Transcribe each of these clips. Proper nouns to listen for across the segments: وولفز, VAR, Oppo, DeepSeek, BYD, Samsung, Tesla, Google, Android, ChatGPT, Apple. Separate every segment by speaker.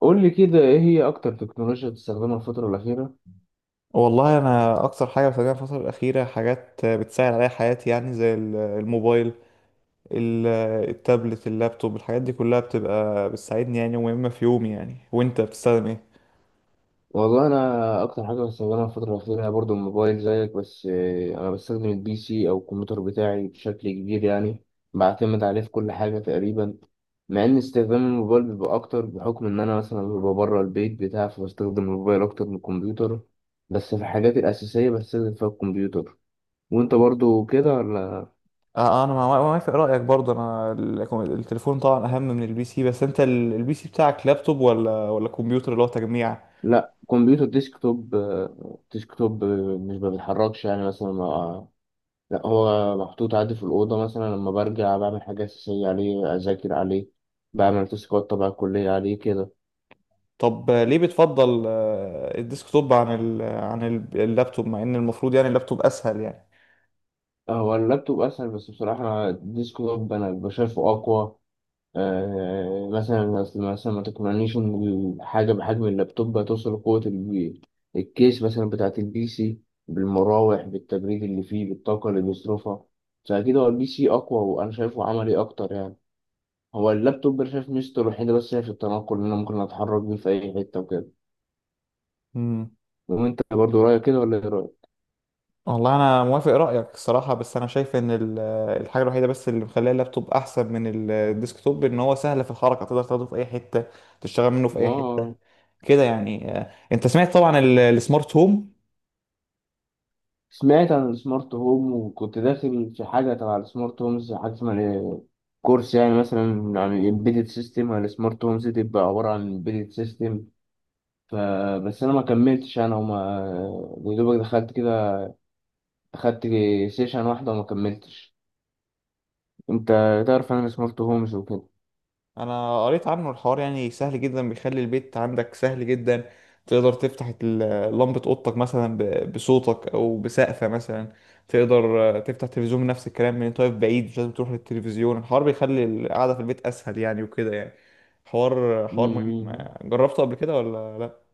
Speaker 1: قول لي كده ايه هي اكتر تكنولوجيا بتستخدمها الفترة الأخيرة؟
Speaker 2: والله انا اكتر حاجه بستخدمها الفتره الاخيره حاجات بتسهل عليا حياتي يعني زي الموبايل، ال- التابلت، اللابتوب، الحاجات دي كلها بتبقى بتساعدني يعني ومهمه في يومي يعني. وانت بتستخدم ايه؟
Speaker 1: والله انا اكتر حاجة بستخدمها الفترة الأخيرة هي برضو الموبايل زيك بس انا بستخدم البي سي او الكمبيوتر بتاعي بشكل كبير يعني بعتمد عليه في كل حاجة تقريبا. مع ان استخدام الموبايل بيبقى اكتر بحكم ان انا مثلا ببقى بره البيت بتاعي فبستخدم الموبايل اكتر من الكمبيوتر، بس في الحاجات الأساسية بستخدم فيها الكمبيوتر. وانت
Speaker 2: انت-
Speaker 1: برضو كده ولا؟
Speaker 2: انا موافق رايك برضه. انا التليفون طبعا اهم من البي سي، بس انت البي سي بتاعك لابتوب ولا كمبيوتر اللي هو تجميع؟
Speaker 1: لا، كمبيوتر ديسكتوب، ديسكتوب، مش ما بيتحركش يعني مثلا، لا هو محطوط عندي في الأوضة، مثلا لما برجع بعمل حاجة أساسية عليه، أذاكر عليه، بعمل تاسكات تبع الكلية عليه كده.
Speaker 2: طب ليه بتفضل الديسكتوب عن ال عن اللابتوب، مع ان المفروض يعني اللابتوب اسهل
Speaker 1: هو اللابتوب أسهل بس بصراحة أنا الديسكتوب أنا بشايفه أقوى. آه مثلا، أصل مثلا ما تقنعنيش إن الحاجة بحجم اللابتوب هتوصل لقوة الكيس مثلا بتاعة البي سي، بالمراوح، بالتبريد اللي فيه، بالطاقة اللي بيصرفها. فأكيد هو البي سي أقوى وأنا شايفه عملي أكتر يعني. هو اللابتوب انا شايف ميزته الوحيدة بس هي في التنقل، إن أنا ممكن أتحرك بيه في أي حتة وكده.
Speaker 2: يعني؟
Speaker 1: وأنت برضه رأيك كده ولا إيه رأيك؟
Speaker 2: والله انا موافق رايك الصراحه، بس انا شايف ان الحاجه الوحيده بس اللي مخليه اللابتوب احسن من الديسكتوب ان هو سهل في الحركه، تقدر تاخده في اي حته، تشتغل منه في اي حته
Speaker 1: ما
Speaker 2: كده يعني. انت سمعت طبعا السمارت هوم؟
Speaker 1: سمعت عن السمارت هوم وكنت داخل في حاجة تبع السمارت هومز، حاجة اسمها إيه؟ كورس يعني مثلا، عن الإمبيدد سيستم. عن السمارت هومز، دي بتبقى عبارة عن إمبيدد سيستم. فبس أنا ما كملتش، أنا وما يا دوبك دخلت كده، أخدت سيشن واحدة وما كملتش. أنت تعرف عن السمارت هومز وكده؟
Speaker 2: انا قريت عنه، الحوار يعني سهل جدا، بيخلي البيت عندك سهل جدا. تقدر تفتح لمبة اوضتك مثلا بصوتك او بسقفة مثلا. تقدر تفتح تلفزيون نفس الكلام من انت واقف بعيد، مش لازم تروح للتلفزيون. الحوار بيخلي القعدة في البيت اسهل يعني وكده يعني. حوار مهم،
Speaker 1: مم.
Speaker 2: جربته قبل كده ولا لا؟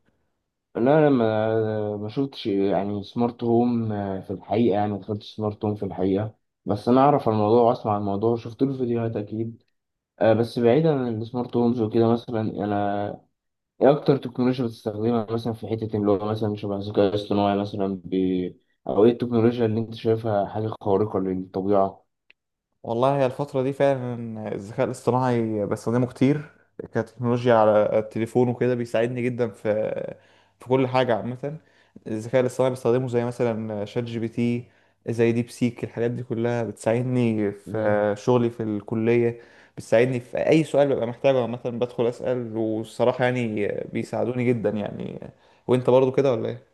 Speaker 1: لا، لما ما شفتش يعني سمارت هوم، في الحقيقة يعني ما دخلتش سمارت هوم في الحقيقة، بس أنا أعرف عن الموضوع وأسمع عن الموضوع، شفت له فيديوهات أكيد. بس بعيدا عن السمارت هومز وكده، مثلا أنا إيه أكتر تكنولوجيا بتستخدمها مثلا في حتة اللي هو مثلا شبه الذكاء الاصطناعي مثلا أو إيه التكنولوجيا اللي أنت شايفها حاجة خارقة للطبيعة؟
Speaker 2: والله هي الفترة دي فعلا الذكاء الاصطناعي بستخدمه كتير كتكنولوجيا على التليفون وكده، بيساعدني جدا في في كل حاجة عامة. الذكاء الاصطناعي بستخدمه زي مثلا شات جي بي تي، زي ديب سيك، الحاجات دي كلها بتساعدني
Speaker 1: مم.
Speaker 2: في شغلي في الكلية، بتساعدني في أي سؤال ببقى محتاجه عامة، بدخل أسأل والصراحة يعني بيساعدوني جدا يعني. وأنت برضو كده ولا إيه؟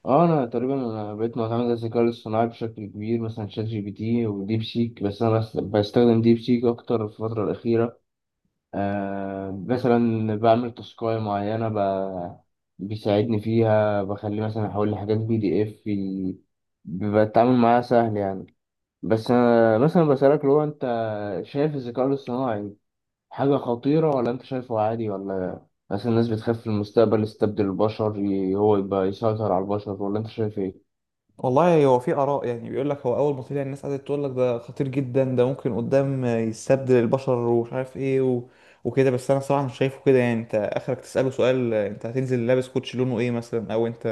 Speaker 1: اه، انا تقريبا بقيت معتمد على الذكاء الاصطناعي بشكل كبير، مثلا شات جي بي تي وديب سيك، بس انا بستخدم ديب سيك اكتر في الفتره الاخيره. آه مثلا بعمل تاسكاية معينة بيساعدني فيها، بخليه مثلا أحول لحاجات بي دي إف، بيبقى التعامل معاها سهل يعني. بس أنا مثلا بسألك، لو أنت شايف الذكاء الاصطناعي حاجة خطيرة ولا أنت شايفه عادي ولا؟ مثلا الناس بتخاف في المستقبل يستبدل البشر، هو يبقى يسيطر على البشر، ولا أنت شايف إيه؟
Speaker 2: والله هو في آراء يعني، بيقول لك هو أول ما طلع الناس قعدت تقول لك ده خطير جدا، ده ممكن قدام يستبدل البشر ومش عارف إيه و... وكده. بس أنا صراحة مش شايفه كده يعني. أنت آخرك تسأله سؤال، أنت هتنزل لابس كوتش لونه إيه مثلا، أو أنت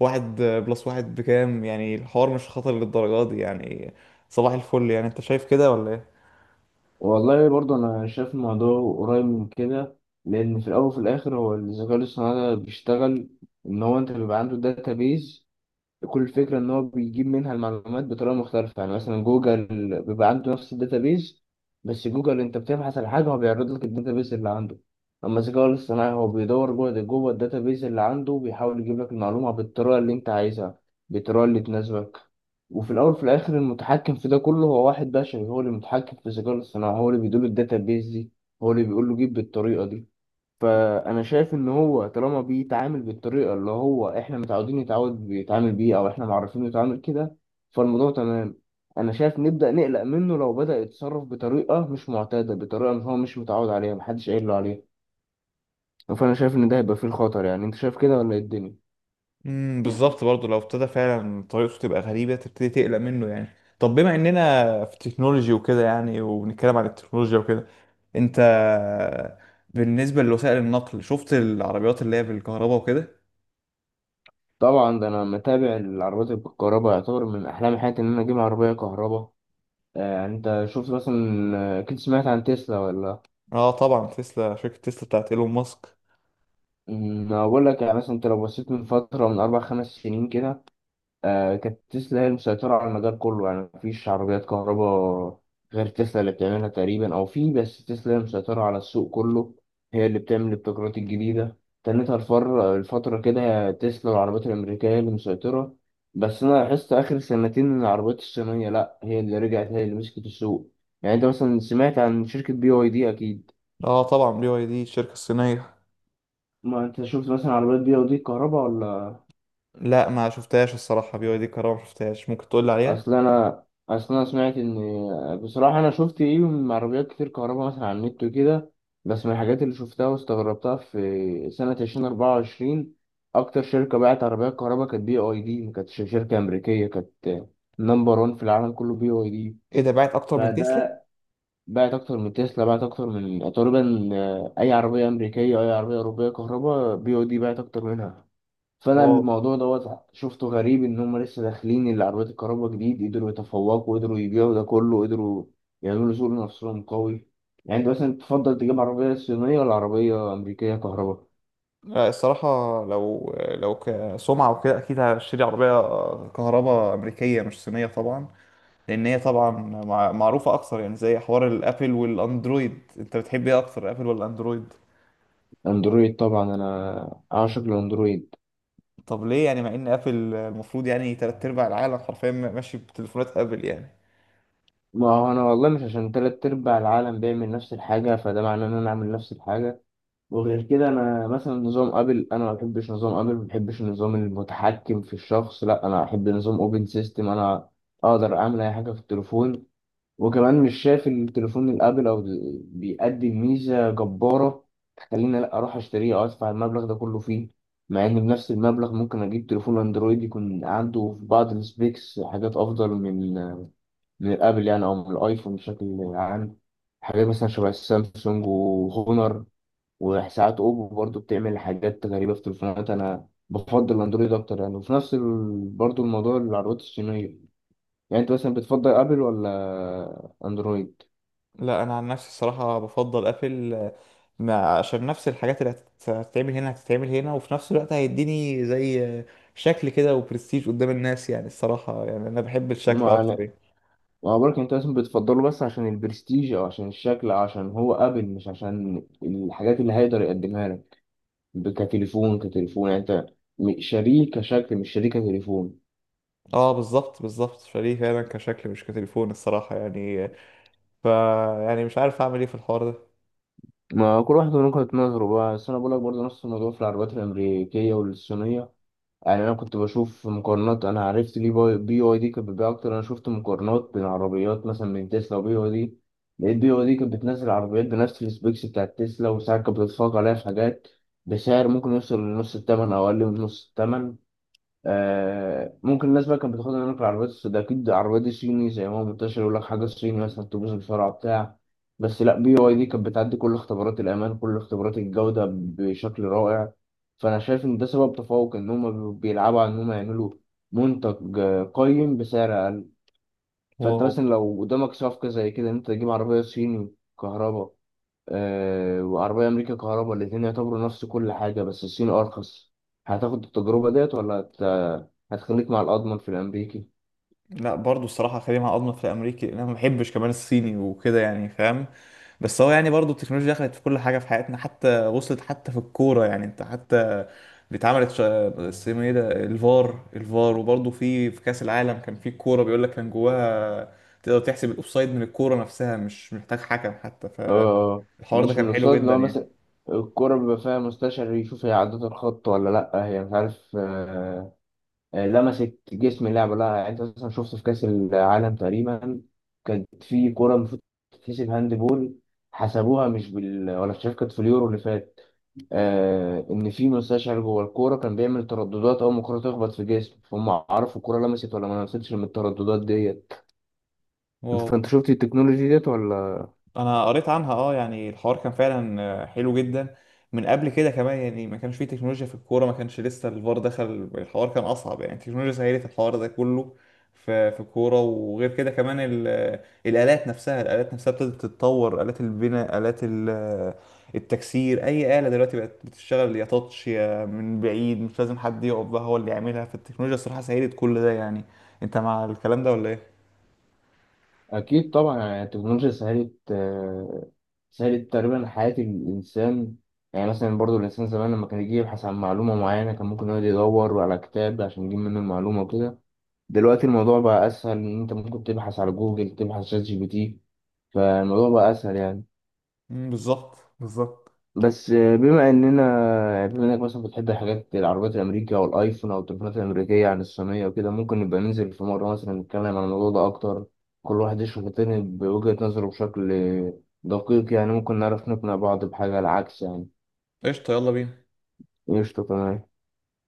Speaker 2: واحد بلس واحد بكام، يعني الحوار مش خطر للدرجة دي يعني. صباح الفل يعني. أنت شايف كده ولا إيه؟
Speaker 1: والله برضه أنا شايف الموضوع قريب من كده. لأن في الأول وفي الآخر هو الذكاء الاصطناعي ده بيشتغل إن هو أنت بيبقى عنده داتابيز، كل الفكرة إن هو بيجيب منها المعلومات بطريقة مختلفة. يعني مثلا جوجل بيبقى عنده نفس الداتابيز، بس جوجل أنت بتبحث على حاجة هو بيعرض لك الداتابيز اللي عنده. أما الذكاء الاصطناعي هو بيدور جوه الداتابيز اللي عنده وبيحاول يجيب لك المعلومة بالطريقة اللي أنت عايزها، بالطريقة اللي تناسبك. وفي الأول وفي الآخر المتحكم في ده كله هو واحد بشري، هو اللي متحكم في الذكاء الاصطناعي، هو اللي بيدير الداتابيز دي، هو اللي بيقول له جيب بالطريقة دي. فانا شايف ان هو طالما بيتعامل بالطريقه اللي هو احنا متعودين يتعود بيتعامل بيه او احنا معرفين يتعامل كده، فالموضوع تمام. انا شايف نبدا نقلق منه لو بدا يتصرف بطريقه مش معتاده، بطريقه إن هو مش متعود عليها، محدش قايل له عليها. فانا شايف ان ده هيبقى فيه الخطر يعني. انت شايف كده ولا إيه الدنيا؟
Speaker 2: بالظبط برضه، لو ابتدى فعلا طريقته تبقى غريبة تبتدي تقلق منه يعني. طب بما اننا في تكنولوجي وكده يعني، وبنتكلم عن التكنولوجيا وكده، انت بالنسبة لوسائل النقل شفت العربيات اللي هي بالكهرباء وكده؟
Speaker 1: طبعا، ده انا متابع العربيات الكهرباء، يعتبر من احلام حياتي ان انا اجيب عربيه كهرباء. يعني انت شفت مثلا، اكيد سمعت عن تسلا ولا؟
Speaker 2: اه طبعا تسلا، شركة تسلا بتاعت ايلون ماسك.
Speaker 1: أمم، انا بقول لك يعني مثلا، انت لو بصيت من فتره من اربع خمس سنين كده، آه كانت تسلا هي المسيطرة على المجال كله، يعني مفيش عربيات كهرباء غير تسلا اللي بتعملها تقريبا، أو في بس تسلا هي المسيطرة على السوق كله، هي اللي بتعمل الابتكارات الجديدة. تنتهى الفر الفترة كده هي تسلا والعربيات الأمريكية هي اللي مسيطرة. بس أنا لاحظت آخر سنتين إن العربيات الصينية لأ، هي اللي رجعت، هي اللي مسكت السوق. يعني أنت مثلا سمعت عن شركة بي واي دي أكيد.
Speaker 2: اه طبعا، بي واي دي الشركة الصينية.
Speaker 1: ما أنت شفت مثلا عربيات بي واي دي الكهرباء؟
Speaker 2: لا ما شفتهاش الصراحة، بي واي دي كهرباء ما شفتهاش، ممكن تقول لي عليها.
Speaker 1: اصل انا اصل انا سمعت ان، بصراحه انا شفت ايه من عربيات كتير كهرباء مثلا على النت وكده، بس من الحاجات اللي شفتها واستغربتها في سنه 2024 اكتر شركه باعت عربيات كهرباء كانت بي اي دي، ما كانتش شركه امريكيه، كانت نمبر 1 في العالم كله بي اي دي.
Speaker 2: ايه ده، باعت اكتر من تسلا؟
Speaker 1: فده باعت اكتر من تسلا، باعت اكتر من تقريبا اي عربيه امريكيه، اي عربيه اوروبيه كهرباء بي اي دي باعت اكتر منها. فانا الموضوع دوت شفته غريب، ان هم لسه داخلين اللي عربيات الكهرباء جديد، قدروا يتفوقوا، قدروا يبيعوا ده كله، قدروا يعملوا سوق لنفسهم قوي. يعني انت مثلا تفضل تجيب عربية صينية ولا عربية أمريكية كهرباء؟
Speaker 2: لا الصراحة، لو كسمعة وكده أكيد هشتري عربية كهرباء أمريكية، مش صينية طبعا، لأن هي طبعا معروفة أكثر يعني. زي حوار الأبل والأندرويد، أنت بتحب إيه أكتر أبل ولا أندرويد؟
Speaker 1: اندرويد طبعا، انا اعشق الاندرويد.
Speaker 2: طب ليه يعني، مع إن أبل المفروض يعني تلات أرباع العالم حرفيا ماشي بتليفونات أبل يعني؟
Speaker 1: ما هو انا والله مش عشان تلات ارباع العالم بيعمل نفس الحاجة فده معناه ان انا اعمل نفس الحاجة. وغير كده انا مثلا نظام ابل انا ما بحبش، نظام ابل ما بحبش النظام المتحكم في الشخص، لا انا احب نظام اوبن سيستم، انا اقدر اعمل اي حاجه في التليفون. وكمان مش شايف التليفون الابل او بيقدم ميزه جباره تخليني لا اروح اشتريه او ادفع المبلغ ده كله فيه، مع ان بنفس المبلغ ممكن اجيب تليفون اندرويد يكون عنده في بعض السبيكس حاجات افضل من من الابل يعني، او من الايفون بشكل عام. حاجات مثلا شبه السامسونج وهونر، وساعات اوبو برضو بتعمل حاجات غريبه في تليفونات. انا بفضل الاندرويد اكتر يعني، وفي نفس برضو الموضوع العربيات الصينيه. يعني انت مثلا بتفضل ابل ولا اندرويد؟
Speaker 2: لا أنا عن نفسي الصراحة بفضل أبل، مع عشان نفس الحاجات اللي هتتعمل هنا هتتعمل هنا، وفي نفس الوقت هيديني زي شكل كده وبرستيج قدام الناس يعني. الصراحة يعني أنا بحب الشكل
Speaker 1: مع
Speaker 2: أكتر يعني.
Speaker 1: مع بالك انت مثلا بتفضله بس عشان البرستيج او عشان الشكل أو عشان هو ابل، مش عشان الحاجات اللي هيقدر يقدمها لك كتليفون، كتليفون يعني. انت شاريه كشكل مش شاريه كتليفون.
Speaker 2: اه بالظبط بالظبط، فليه فعلا كشكل مش كتليفون الصراحة يعني. فا يعني مش عارف اعمل ايه في الحوار ده.
Speaker 1: ما كل واحد له نقطة نظره بقى، بس أنا بقولك برضه نفس الموضوع في العربيات الأمريكية والصينية. يعني انا كنت بشوف مقارنات، انا عرفت ليه بي واي دي كانت بتبيع اكتر. انا شفت مقارنات بين عربيات مثلا من تسلا وبي واي دي، لقيت بي واي دي كانت بتنزل عربيات بنفس السبيكس بتاعت تسلا وساعات كانت بتتفوق عليها في حاجات، بسعر ممكن يوصل لنص الثمن او اقل من نص الثمن. آه ممكن الناس بقى كانت بتاخدها منك، العربيات السوداء اكيد، العربيات الصيني زي ما هو منتشر يقول لك حاجه صيني مثلا تبوظ بسرعه بتاع، بس لا، بي واي دي كانت بتعدي كل اختبارات الامان، كل اختبارات الجوده بشكل رائع. فانا شايف ان ده سبب تفوق، ان هم بيلعبوا على ان هم يعملوا منتج قيم بسعر اقل. فانت
Speaker 2: واو.
Speaker 1: مثلا لو قدامك صفقه زي كده ان انت تجيب عربيه صيني كهرباء، وعربية أمريكا كهرباء، الاتنين يعتبروا نفس كل حاجة بس الصيني أرخص، هتاخد التجربة ديت ولا هتخليك مع الأضمن في الأمريكي؟
Speaker 2: لا برضو الصراحة خلينا مع أضمن في الأمريكي، لأن أنا ما بحبش كمان الصيني وكده يعني، فاهم؟ بس هو يعني برضو التكنولوجيا دخلت في كل حاجة في حياتنا، حتى وصلت حتى في الكورة يعني. أنت حتى اتعملت اسمه إيه ده، الفار، الفار. وبرضو في كأس العالم كان في كورة بيقول لك كان جواها، تقدر تحسب الأوفسايد من الكورة نفسها، مش محتاج حكم حتى.
Speaker 1: آه،
Speaker 2: فالحوار ده
Speaker 1: مش من
Speaker 2: كان حلو
Speaker 1: الأقساط اللي
Speaker 2: جدا
Speaker 1: هو
Speaker 2: يعني.
Speaker 1: مثلا الكرة بيبقى فيها مستشعر يشوف هي عدت الخط ولا لأ، هي مش عارف، لمست جسم اللاعب ولا لأ يعني. أنت مثلا شفت في كأس العالم تقريبا كانت في كرة المفروض تتحسب هاند بول، حسبوها مش بال ولا مش عارف، كانت في اليورو اللي فات. آه ان في مستشعر جوه الكوره كان بيعمل ترددات، اول ما الكوره تخبط في جسمه فهم عرفوا الكوره لمست ولا ما لمستش من الترددات ديت.
Speaker 2: واو،
Speaker 1: فانت شفت التكنولوجي ديت ولا؟
Speaker 2: انا قريت عنها اه، يعني الحوار كان فعلا حلو جدا. من قبل كده كمان يعني ما كانش فيه تكنولوجيا في الكوره، ما كانش لسه الفار دخل، الحوار كان اصعب يعني. التكنولوجيا سهلت الحوار ده كله في في الكوره. وغير كده كمان الالات نفسها، الالات نفسها ابتدت تتطور، الات البناء، الات التكسير، اي اله دلوقتي بقت بتشتغل يا تاتش يا من بعيد، مش لازم حد يقف بقى هو اللي يعملها. فالتكنولوجيا الصراحه سهلت كل ده يعني. انت مع الكلام ده ولا ايه؟
Speaker 1: اكيد طبعا، يعني التكنولوجيا سهلت سهلت تقريبا حياه الانسان. يعني مثلا برضو الانسان زمان لما كان يجي يبحث عن معلومه معينه كان ممكن يقعد يدور على كتاب عشان يجيب منه المعلومه وكده، دلوقتي الموضوع بقى اسهل، ان انت ممكن تبحث على جوجل، تبحث شات جي بي تي، فالموضوع بقى اسهل يعني.
Speaker 2: مم، بالظبط بالظبط.
Speaker 1: بس بما اننا يعني بما انك مثلا بتحب الحاجات العربيات الامريكيه او الايفون او التليفونات الامريكيه عن الصينيه وكده، ممكن نبقى ننزل في مره مثلا نتكلم عن الموضوع ده اكتر، كل واحد يشوف التاني بوجهه نظره بشكل دقيق يعني، ممكن نعرف نقنع بعض بحاجه العكس يعني.
Speaker 2: قشطه، يلا بينا.
Speaker 1: قشطه تمام.